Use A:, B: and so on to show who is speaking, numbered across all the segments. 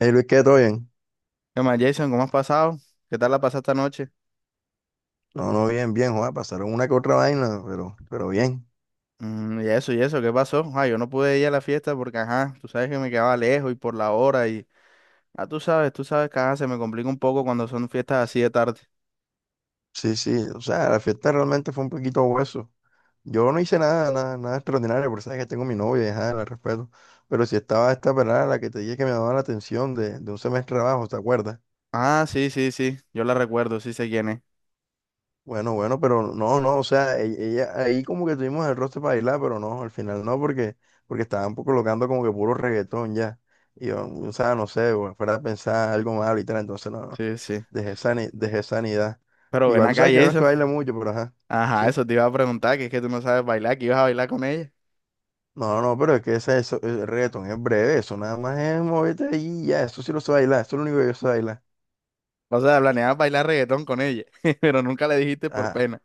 A: Hey Luis, ¿qué? ¿Todo bien?
B: ¿Qué más, Jason? ¿Cómo has pasado? ¿Qué tal la pasaste anoche?
A: No, no, bien, bien, joder, pasaron una que otra vaina, pero bien.
B: Mm, y eso, ¿qué pasó? Ah, yo no pude ir a la fiesta porque, ajá, tú sabes que me quedaba lejos y por la hora y... Ah, tú sabes que, ajá, se me complica un poco cuando son fiestas así de tarde.
A: Sí, sí, o sea, la fiesta realmente fue un poquito hueso. Yo no hice nada, nada, nada extraordinario, porque sabes que tengo mi novia, y ajá, la respeto. Pero sí estaba esta pelada, la que te dije que me llamaba la atención de un semestre abajo, ¿te acuerdas?
B: Ah, sí, sí, sí, yo la recuerdo, sí sé quién es.
A: Bueno, bueno, pero no, no, o sea, ella, ahí como que tuvimos el roster para bailar, pero no, al final no, porque estaban colocando como que puro reggaetón ya. Y yo, o sea, no sé, bueno, fuera a pensar algo más ahorita, entonces no, no,
B: Sí, sí.
A: dejé dejé sanidad.
B: Pero ven
A: Igual tú
B: acá,
A: sabes que uno es que
B: Jason.
A: baila mucho, pero ajá,
B: Ajá,
A: sí.
B: eso te iba a preguntar, que es que tú no sabes bailar, que ibas a bailar con ella.
A: No, no, pero es que eso, el reggaetón es breve, eso nada más es moverte ahí y ya, eso sí lo sé bailar, eso es lo único que yo sé bailar.
B: O sea, planeabas bailar reggaetón con ella, pero nunca le dijiste por
A: Ajá.
B: pena.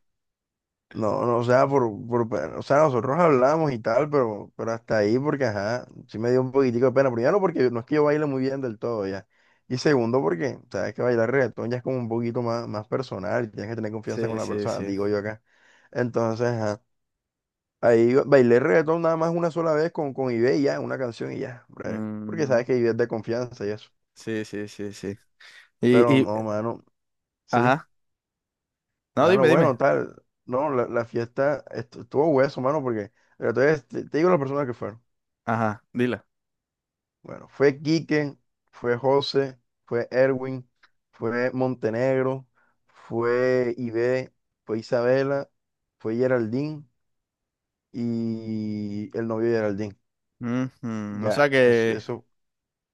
A: No, no, o sea, o sea, nosotros hablamos y tal, pero hasta ahí porque, ajá, sí me dio un poquitico de pena. Primero porque no es que yo baile muy bien del todo ya. Y segundo porque sabes que bailar reggaetón ya es como un poquito más personal y tienes que tener confianza con
B: Sí,
A: la
B: sí,
A: persona,
B: sí.
A: digo yo acá. Entonces, ajá, ahí yo bailé reggaetón nada más una sola vez con Ibe y ya, una canción y ya, breve. Porque
B: Mm,
A: sabes que Ibe es de confianza y eso.
B: sí, sí, sí, sí. Y,
A: Pero
B: y,
A: no, mano, sí,
B: ajá. No,
A: mano,
B: dime, dime.
A: bueno, tal. No, la fiesta estuvo hueso, mano, porque, pero te digo las personas que fueron.
B: Ajá, dila.
A: Bueno, fue Quique, fue José, fue Erwin, fue Montenegro, fue Ibe, fue Isabela, fue Geraldine y el novio de Geraldine.
B: Ujú. O sea
A: Ya, eso,
B: que,
A: eso,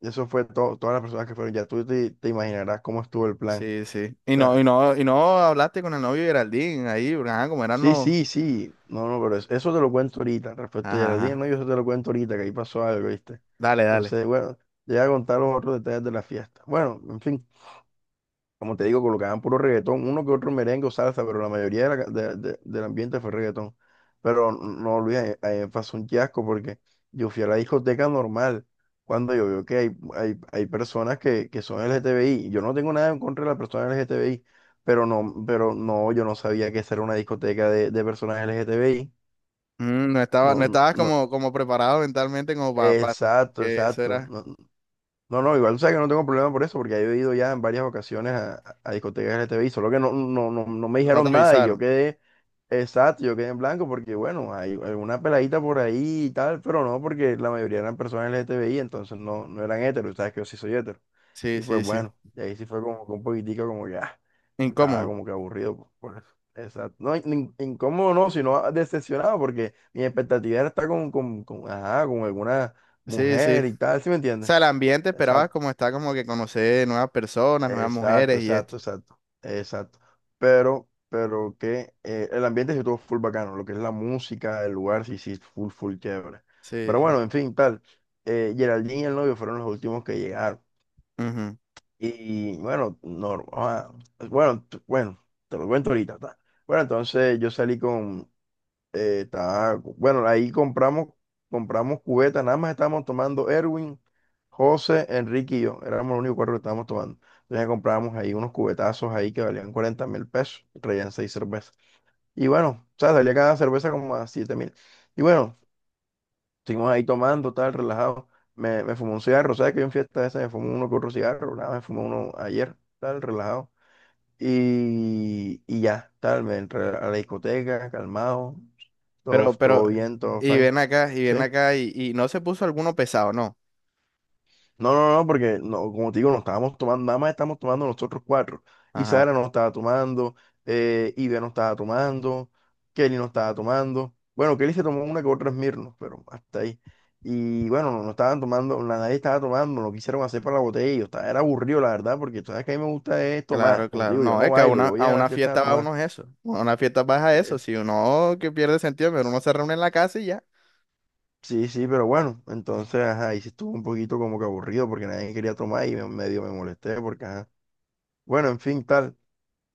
A: eso fue todo, todas las personas que fueron. Ya tú te imaginarás cómo estuvo el plan.
B: sí, sí.
A: O
B: Y no, y
A: sea,
B: no, y no hablaste con el novio de Geraldine ahí, porque, ajá, como eran
A: sí,
B: los.
A: sí, sí. No, no, pero eso te lo cuento ahorita. Respecto a
B: Ajá,
A: Geraldine, no,
B: ajá.
A: yo eso te lo cuento ahorita, que ahí pasó algo, ¿viste?
B: Dale, dale.
A: Entonces, bueno, te voy a contar los otros detalles de la fiesta. Bueno, en fin. Como te digo, colocaban puro reggaetón, uno que otro merengue o salsa, pero la mayoría de la de- del ambiente fue reggaetón. Pero no, Luis, ahí pasó un fiasco porque yo fui a la discoteca normal cuando yo veo que hay personas que son LGTBI. Yo no tengo nada en contra de las personas LGTBI, pero no, yo no sabía que esa era una discoteca de personas LGTBI.
B: Mm, no estaba, no
A: No,
B: estabas
A: no,
B: como, como preparado mentalmente como para,
A: exacto,
B: que eso
A: exacto.
B: era.
A: no, No, no, igual tú sabes que no tengo problema por eso, porque yo he ido ya en varias ocasiones a discotecas LTBI, solo que no me
B: No te
A: dijeron nada y yo
B: avisaron.
A: quedé, exacto, yo quedé en blanco porque, bueno, hay alguna peladita por ahí y tal, pero no, porque la mayoría eran personas LGTBI, entonces no eran heteros, sabes que yo sí soy hetero.
B: Sí,
A: Y
B: sí,
A: pues
B: sí.
A: bueno, y ahí sí fue como que un poquitico como que, ah, estaba
B: Incómodo.
A: como que aburrido por eso. Exacto. No, incómodo no, sino decepcionado, porque mi expectativa era estar con, ajá, con alguna
B: Sí, sí.
A: mujer y tal, ¿sí me
B: O
A: entiendes?
B: sea, el ambiente esperabas
A: Exacto.
B: como está como que conocer nuevas personas, nuevas
A: Exacto,
B: mujeres y esto.
A: exacto, exacto, exacto. Pero que el ambiente sí estuvo full bacano, lo que es la música, el lugar sí, sí, full, full chévere.
B: Sí,
A: Pero
B: sí.
A: bueno, en fin, tal. Geraldine y el novio fueron los últimos que llegaron.
B: Ujú.
A: Y bueno, normal. Bueno, bueno, te lo cuento ahorita, ta. Bueno, entonces yo salí con, bueno, ahí compramos cubeta, nada más estábamos tomando Erwin, José, Enrique y yo, éramos los únicos cuatro que estábamos tomando. Entonces compramos ahí unos cubetazos ahí que valían 40.000 pesos, y traían seis cervezas. Y bueno, o sea, salía cada cerveza como a 7.000. Y bueno, estuvimos ahí tomando, tal, relajado. Me fumé un cigarro. ¿Sabes que yo en fiesta esa me fumé uno que otro cigarro? Nada, me fumé uno ayer, tal, relajado. Y ya, tal, me entré a la discoteca, calmado, todo,
B: Pero, pero,
A: todo bien, todo
B: y
A: fine.
B: ven acá, y ven
A: Sí.
B: acá, y no se puso alguno pesado, ¿no?
A: No, no, no, porque no, como te digo, no estábamos tomando, nada más estamos tomando nosotros cuatro. Y
B: Ajá.
A: Sara no estaba tomando, Ibe no estaba tomando, Kelly no estaba tomando. Bueno, Kelly se tomó una que otra Smirnoff, pero hasta ahí. Y bueno, no estaban tomando, nadie estaba tomando, no quisieron hacer para la botella. Y yo estaba, era aburrido, la verdad, porque tú sabes que a mí me gusta es
B: Claro,
A: tomar. Como te
B: claro.
A: digo, yo
B: No,
A: no
B: es que a
A: bailo,
B: una,
A: yo voy
B: a
A: a las
B: una
A: fiestas a
B: fiesta va
A: tomar.
B: uno es eso. A una fiesta vas a eso.
A: Eh,
B: Si uno que pierde sentido, pero uno se reúne en la casa y ya.
A: Sí, sí, pero bueno, entonces, ajá, ahí sí estuvo un poquito como que aburrido porque nadie quería tomar y medio me molesté porque, ajá. Bueno, en fin, tal.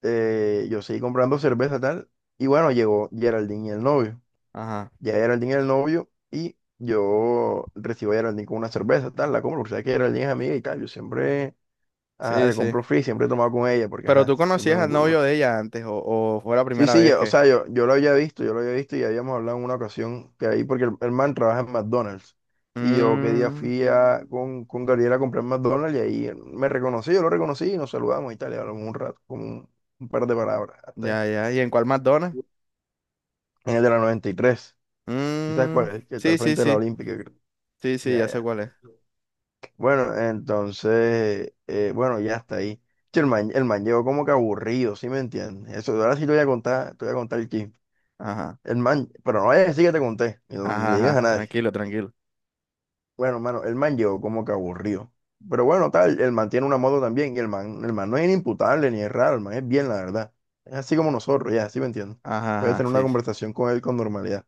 A: Yo seguí comprando cerveza, tal. Y bueno, llegó Geraldine y el novio.
B: Ajá.
A: Ya Geraldine y el novio y yo recibo a Geraldine con una cerveza, tal. La compro, porque sabes que Geraldine es amiga y tal. Yo siempre, ajá,
B: Sí,
A: le
B: sí.
A: compro free, siempre he tomado con ella porque,
B: Pero
A: ajá,
B: tú
A: siempre
B: conocías al
A: nos.
B: novio de ella antes, o fue la
A: Sí,
B: primera
A: sí,
B: vez
A: o
B: que.
A: sea, yo lo había visto y habíamos hablado en una ocasión que ahí, porque el man trabaja en McDonald's. Y yo qué día
B: Mmm.
A: fui con, Gabriela a comprar McDonald's y ahí él me reconocí, yo lo reconocí y nos saludamos y tal, y hablamos un rato, como un par de palabras, hasta ahí.
B: Ya, ya. ¿Y en cuál McDonald's?
A: En el de la 93. ¿Sí sabes cuál
B: Mmm.
A: es? El que está al
B: Sí, sí,
A: frente de la
B: sí.
A: Olímpica, creo.
B: Sí, sí,
A: Ya,
B: ya sé
A: ya.
B: cuál es.
A: Bueno, entonces, bueno, ya está ahí. Che, el man llegó como que aburrido, ¿sí me entiendes? Eso, ahora sí te voy a contar el chisme.
B: Ajá.
A: El man, pero no vayas a decir que te conté, y ni
B: Ajá,
A: le digas a
B: ajá.
A: nadie.
B: Tranquilo, tranquilo.
A: Bueno, mano, el man llegó como que aburrido. Pero bueno, tal, el man tiene una moto también, y el man no es inimputable ni es raro, el man es bien, la verdad. Es así como nosotros, ya, así me entiendo.
B: Ajá,
A: Puedes
B: ajá.
A: tener una
B: Sí.
A: conversación con él con normalidad.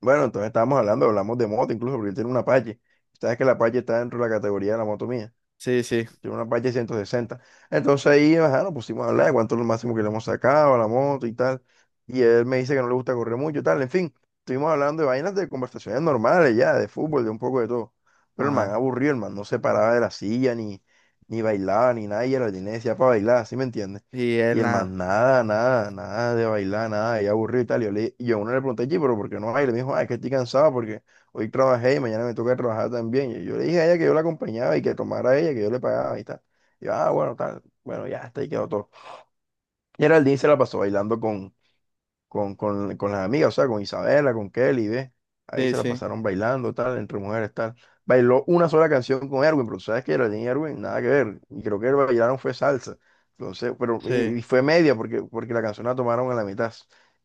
A: Bueno, entonces estábamos hablando, hablamos de moto incluso, porque él tiene una Apache. Sabes que la Apache está dentro de la categoría de la moto mía.
B: Sí, sí.
A: Tiene una Apache 160. Entonces ahí, ajá, nos pusimos a hablar de cuánto es lo máximo que le hemos sacado a la moto y tal. Y él me dice que no le gusta correr mucho y tal. En fin, estuvimos hablando de vainas de conversaciones normales ya, de fútbol, de un poco de todo. Pero el man
B: Ajá.
A: aburrido, el man no se paraba de la silla, ni bailaba, ni nada. Y el jardín le decía para bailar, ¿sí me entiendes?
B: Y
A: Y
B: él
A: el
B: nada.
A: man, nada, nada, nada de bailar, nada, y aburrido y tal. Y yo a uno le pregunté, "Oye, pero ¿por qué no baila?" Y me dijo, ah, es que estoy cansado porque hoy trabajé y mañana me toca trabajar también. Y yo le dije a ella que yo la acompañaba y que tomara ella, que yo le pagaba y tal. Y yo, ah, bueno, tal. Bueno, ya, hasta ahí quedó todo. Y Geraldine se la pasó bailando con las amigas, o sea, con Isabela, con Kelly, ¿ves? Ahí
B: Sí,
A: se la
B: sí.
A: pasaron bailando, tal, entre mujeres, tal. Bailó una sola canción con Erwin, pero tú sabes que Geraldine y Erwin, nada que ver. Y creo que bailaron fue salsa. Entonces, pero,
B: Sí.
A: y fue media porque, la canción la tomaron a la mitad.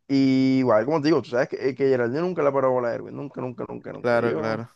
A: Y igual, como te digo, tú sabes que Geraldine nunca la paró a bola a Erwin, nunca, nunca, nunca, nunca.
B: Claro,
A: Ellos
B: claro.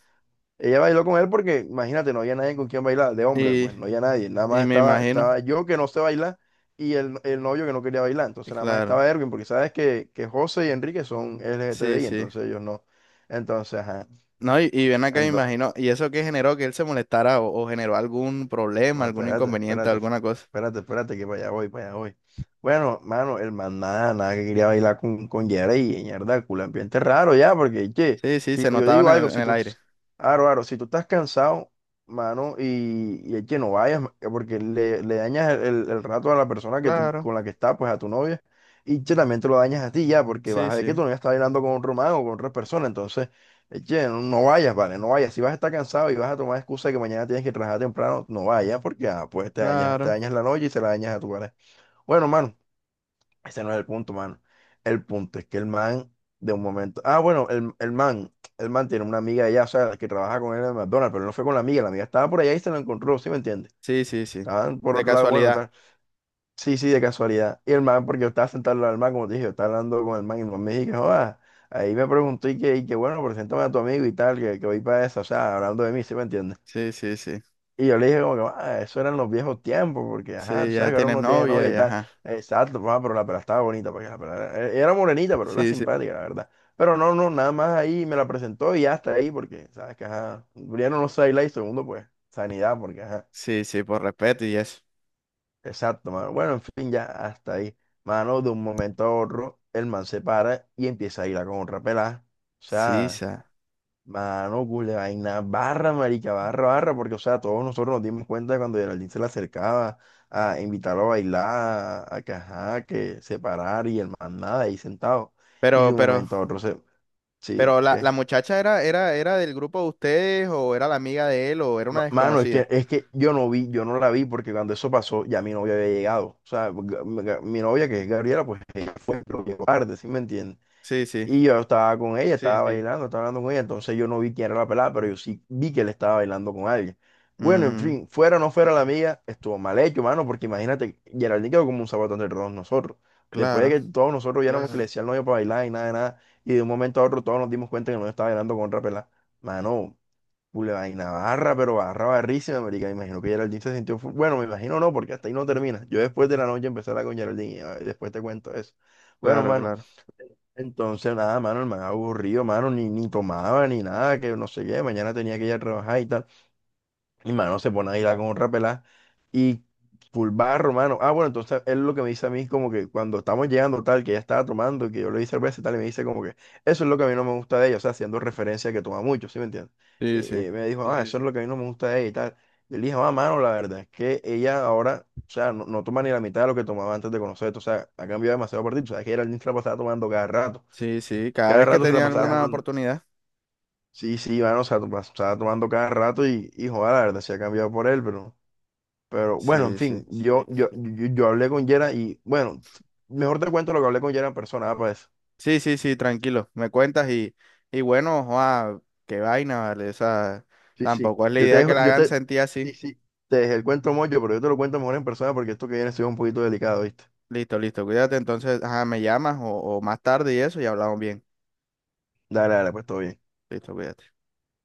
A: Ella bailó con él porque, imagínate, no había nadie con quien bailar, de hombre,
B: Y,
A: pues no había nadie, nada más
B: y me
A: estaba,
B: imagino.
A: yo que no sé bailar y el novio que no quería bailar, entonces nada más
B: Claro.
A: estaba Erwin, porque sabes que José y Enrique son L G T B
B: Sí,
A: LGTBI,
B: sí.
A: entonces ellos no. Entonces, ajá.
B: No, y ven acá, me
A: Ento-
B: imagino, ¿y eso qué generó que él se molestara o generó algún problema,
A: No,
B: algún
A: espérate,
B: inconveniente,
A: espérate,
B: alguna cosa?
A: espérate, espérate, que para allá voy, para allá voy. Bueno, mano, el man nada, nada quería bailar con Yera y mierda, culo, ambiente raro ya, porque, che,
B: Sí, sí, se
A: yo
B: notaba
A: digo algo,
B: en el aire.
A: si tú estás cansado, mano, y che, no vayas, porque le dañas el rato a la persona que tú,
B: Claro,
A: con la que estás, pues a tu novia, y che, también te lo dañas a ti ya, porque vas
B: sí,
A: a ver que
B: sí,
A: tu novia está bailando con otro man o con otra persona, entonces. Eche, no, no vayas, vale, no vayas. Si vas a estar cansado y vas a tomar excusa de que mañana tienes que trabajar temprano, no vayas porque ah, pues te
B: claro.
A: dañas la noche y se la dañas a tu pareja. Bueno, mano, ese no es el punto, mano. El punto es que el man, de un momento. Ah, bueno, el man, el man tiene una amiga allá, o sea, la que trabaja con él en McDonald's, pero él no fue con la amiga estaba por allá y se la encontró, ¿sí me entiendes?
B: Sí, sí, sí.
A: Estaban por
B: De
A: otro lado, bueno,
B: casualidad.
A: tal. Sí, sí, de casualidad. Y el man, porque yo estaba sentado al lado del man, como te dije, yo estaba hablando con el man y el man me dijo, joda, ahí me preguntó y que bueno, preséntame a tu amigo y tal, que voy para eso, o sea, hablando de mí, ¿sí me entiendes?
B: Sí, sí, sí.
A: Y yo le dije como que, ah, eso eran los viejos tiempos, porque, ajá, tú
B: Sí, ya
A: sabes que ahora
B: tienes
A: uno tiene novia
B: novia
A: y
B: y
A: tal.
B: ajá.
A: Exacto, ah, pero la pela estaba bonita, porque la pela era morenita, pero era
B: Sí, sí.
A: simpática, la verdad. Pero no, no, nada más ahí me la presentó y hasta ahí, porque, sabes que, ajá, primero no sé bailar y segundo, pues, sanidad, porque, ajá.
B: Sí, sí, por respeto y eso.
A: Exacto, mano. Bueno, en fin, ya hasta ahí. Mano, de un momento a otro, el man se para y empieza a ir a con otra pelada. O
B: Sí,
A: sea,
B: sa.
A: mano, cule vaina, barra, marica, barra, barra, porque, o sea, todos nosotros nos dimos cuenta cuando Geraldine se le acercaba a invitarlo a bailar, a que, ajá, que se parara y el man nada, ahí sentado. Y de
B: Pero,
A: un
B: pero,
A: momento a otro se...
B: pero
A: Sí,
B: la,
A: ¿qué?
B: la muchacha era, era, era del grupo de ustedes o era la amiga de él o era una
A: Mano, es
B: desconocida.
A: que, es que yo no vi, yo no la vi porque cuando eso pasó ya mi novia había llegado. O sea, mi novia que es Gabriela, pues ella fue, pero llegó tarde, ¿sí me entiendes?
B: Sí, sí.
A: Y yo estaba con ella, sí, estaba sí, bailando, estaba hablando con ella, entonces yo no vi quién era la pelada, pero yo sí vi que él estaba bailando con alguien. Bueno, en
B: Mm,
A: fin, fuera o no fuera la amiga, estuvo mal hecho, mano, porque imagínate, Geraldine quedó como un zapato de todos nosotros. Después
B: claro,
A: de que todos nosotros ya éramos que le claro, decía al novio para bailar y nada de nada, y de un momento a otro todos nos dimos cuenta que no estaba bailando con otra pelada. Mano. Pule vaina barra, pero barra barrísima, marica. Me imagino que Geraldine se sintió. Bueno, me imagino no, porque hasta ahí no termina. Yo después de la noche empecé a hablar con Geraldine y a después te cuento eso. Bueno,
B: claro,
A: mano,
B: claro.
A: entonces nada, mano, el man aburrido, mano, ni tomaba ni nada, que no sé qué. Mañana tenía que ir a trabajar y tal. Y mano, se pone a bailar con otra pelada y full barro, mano. Ah, bueno, entonces él lo que me dice a mí como que cuando estamos llegando tal, que ella estaba tomando, que yo le di cerveza y tal, y me dice como que eso es lo que a mí no me gusta de ella, o sea, haciendo referencia a que toma mucho, ¿sí me entiendes?
B: Sí, sí.
A: Me dijo, ah, eso sí, es lo que a mí no me gusta de ella y tal. Y le dije, ah, mano, la verdad es que ella ahora, o sea, no, no toma ni la mitad de lo que tomaba antes de conocerte, o sea, ha cambiado demasiado partido, o sea, que era el niño se la pasaba tomando
B: Sí, sí, cada
A: cada
B: vez que
A: rato sí, se la sí,
B: tenía
A: pasaba
B: alguna
A: tomando.
B: oportunidad.
A: Sí, sí, mano, o sea, pasaba tomando cada rato y joder, la verdad, se ha cambiado por él, pero... Pero bueno, en
B: Sí, sí.
A: fin, yo hablé con Yera y bueno, mejor te cuento lo que hablé con Yera en persona, ah, pues.
B: Sí, sí, sí, tranquilo. Me cuentas y bueno, joa, qué vaina, ¿vale? O sea,
A: Sí, sí,
B: tampoco es la
A: Yo te
B: idea que
A: dejo,
B: la
A: yo
B: hagan
A: te,
B: sentir así.
A: sí, sí, te dejé el cuento mocho, pero yo te lo cuento mejor en persona porque esto que viene es un poquito delicado, ¿viste?
B: Listo, listo, cuídate. Entonces, ajá, me llamas o más tarde y eso y hablamos bien.
A: Dale, dale, pues todo bien.
B: Listo, cuídate.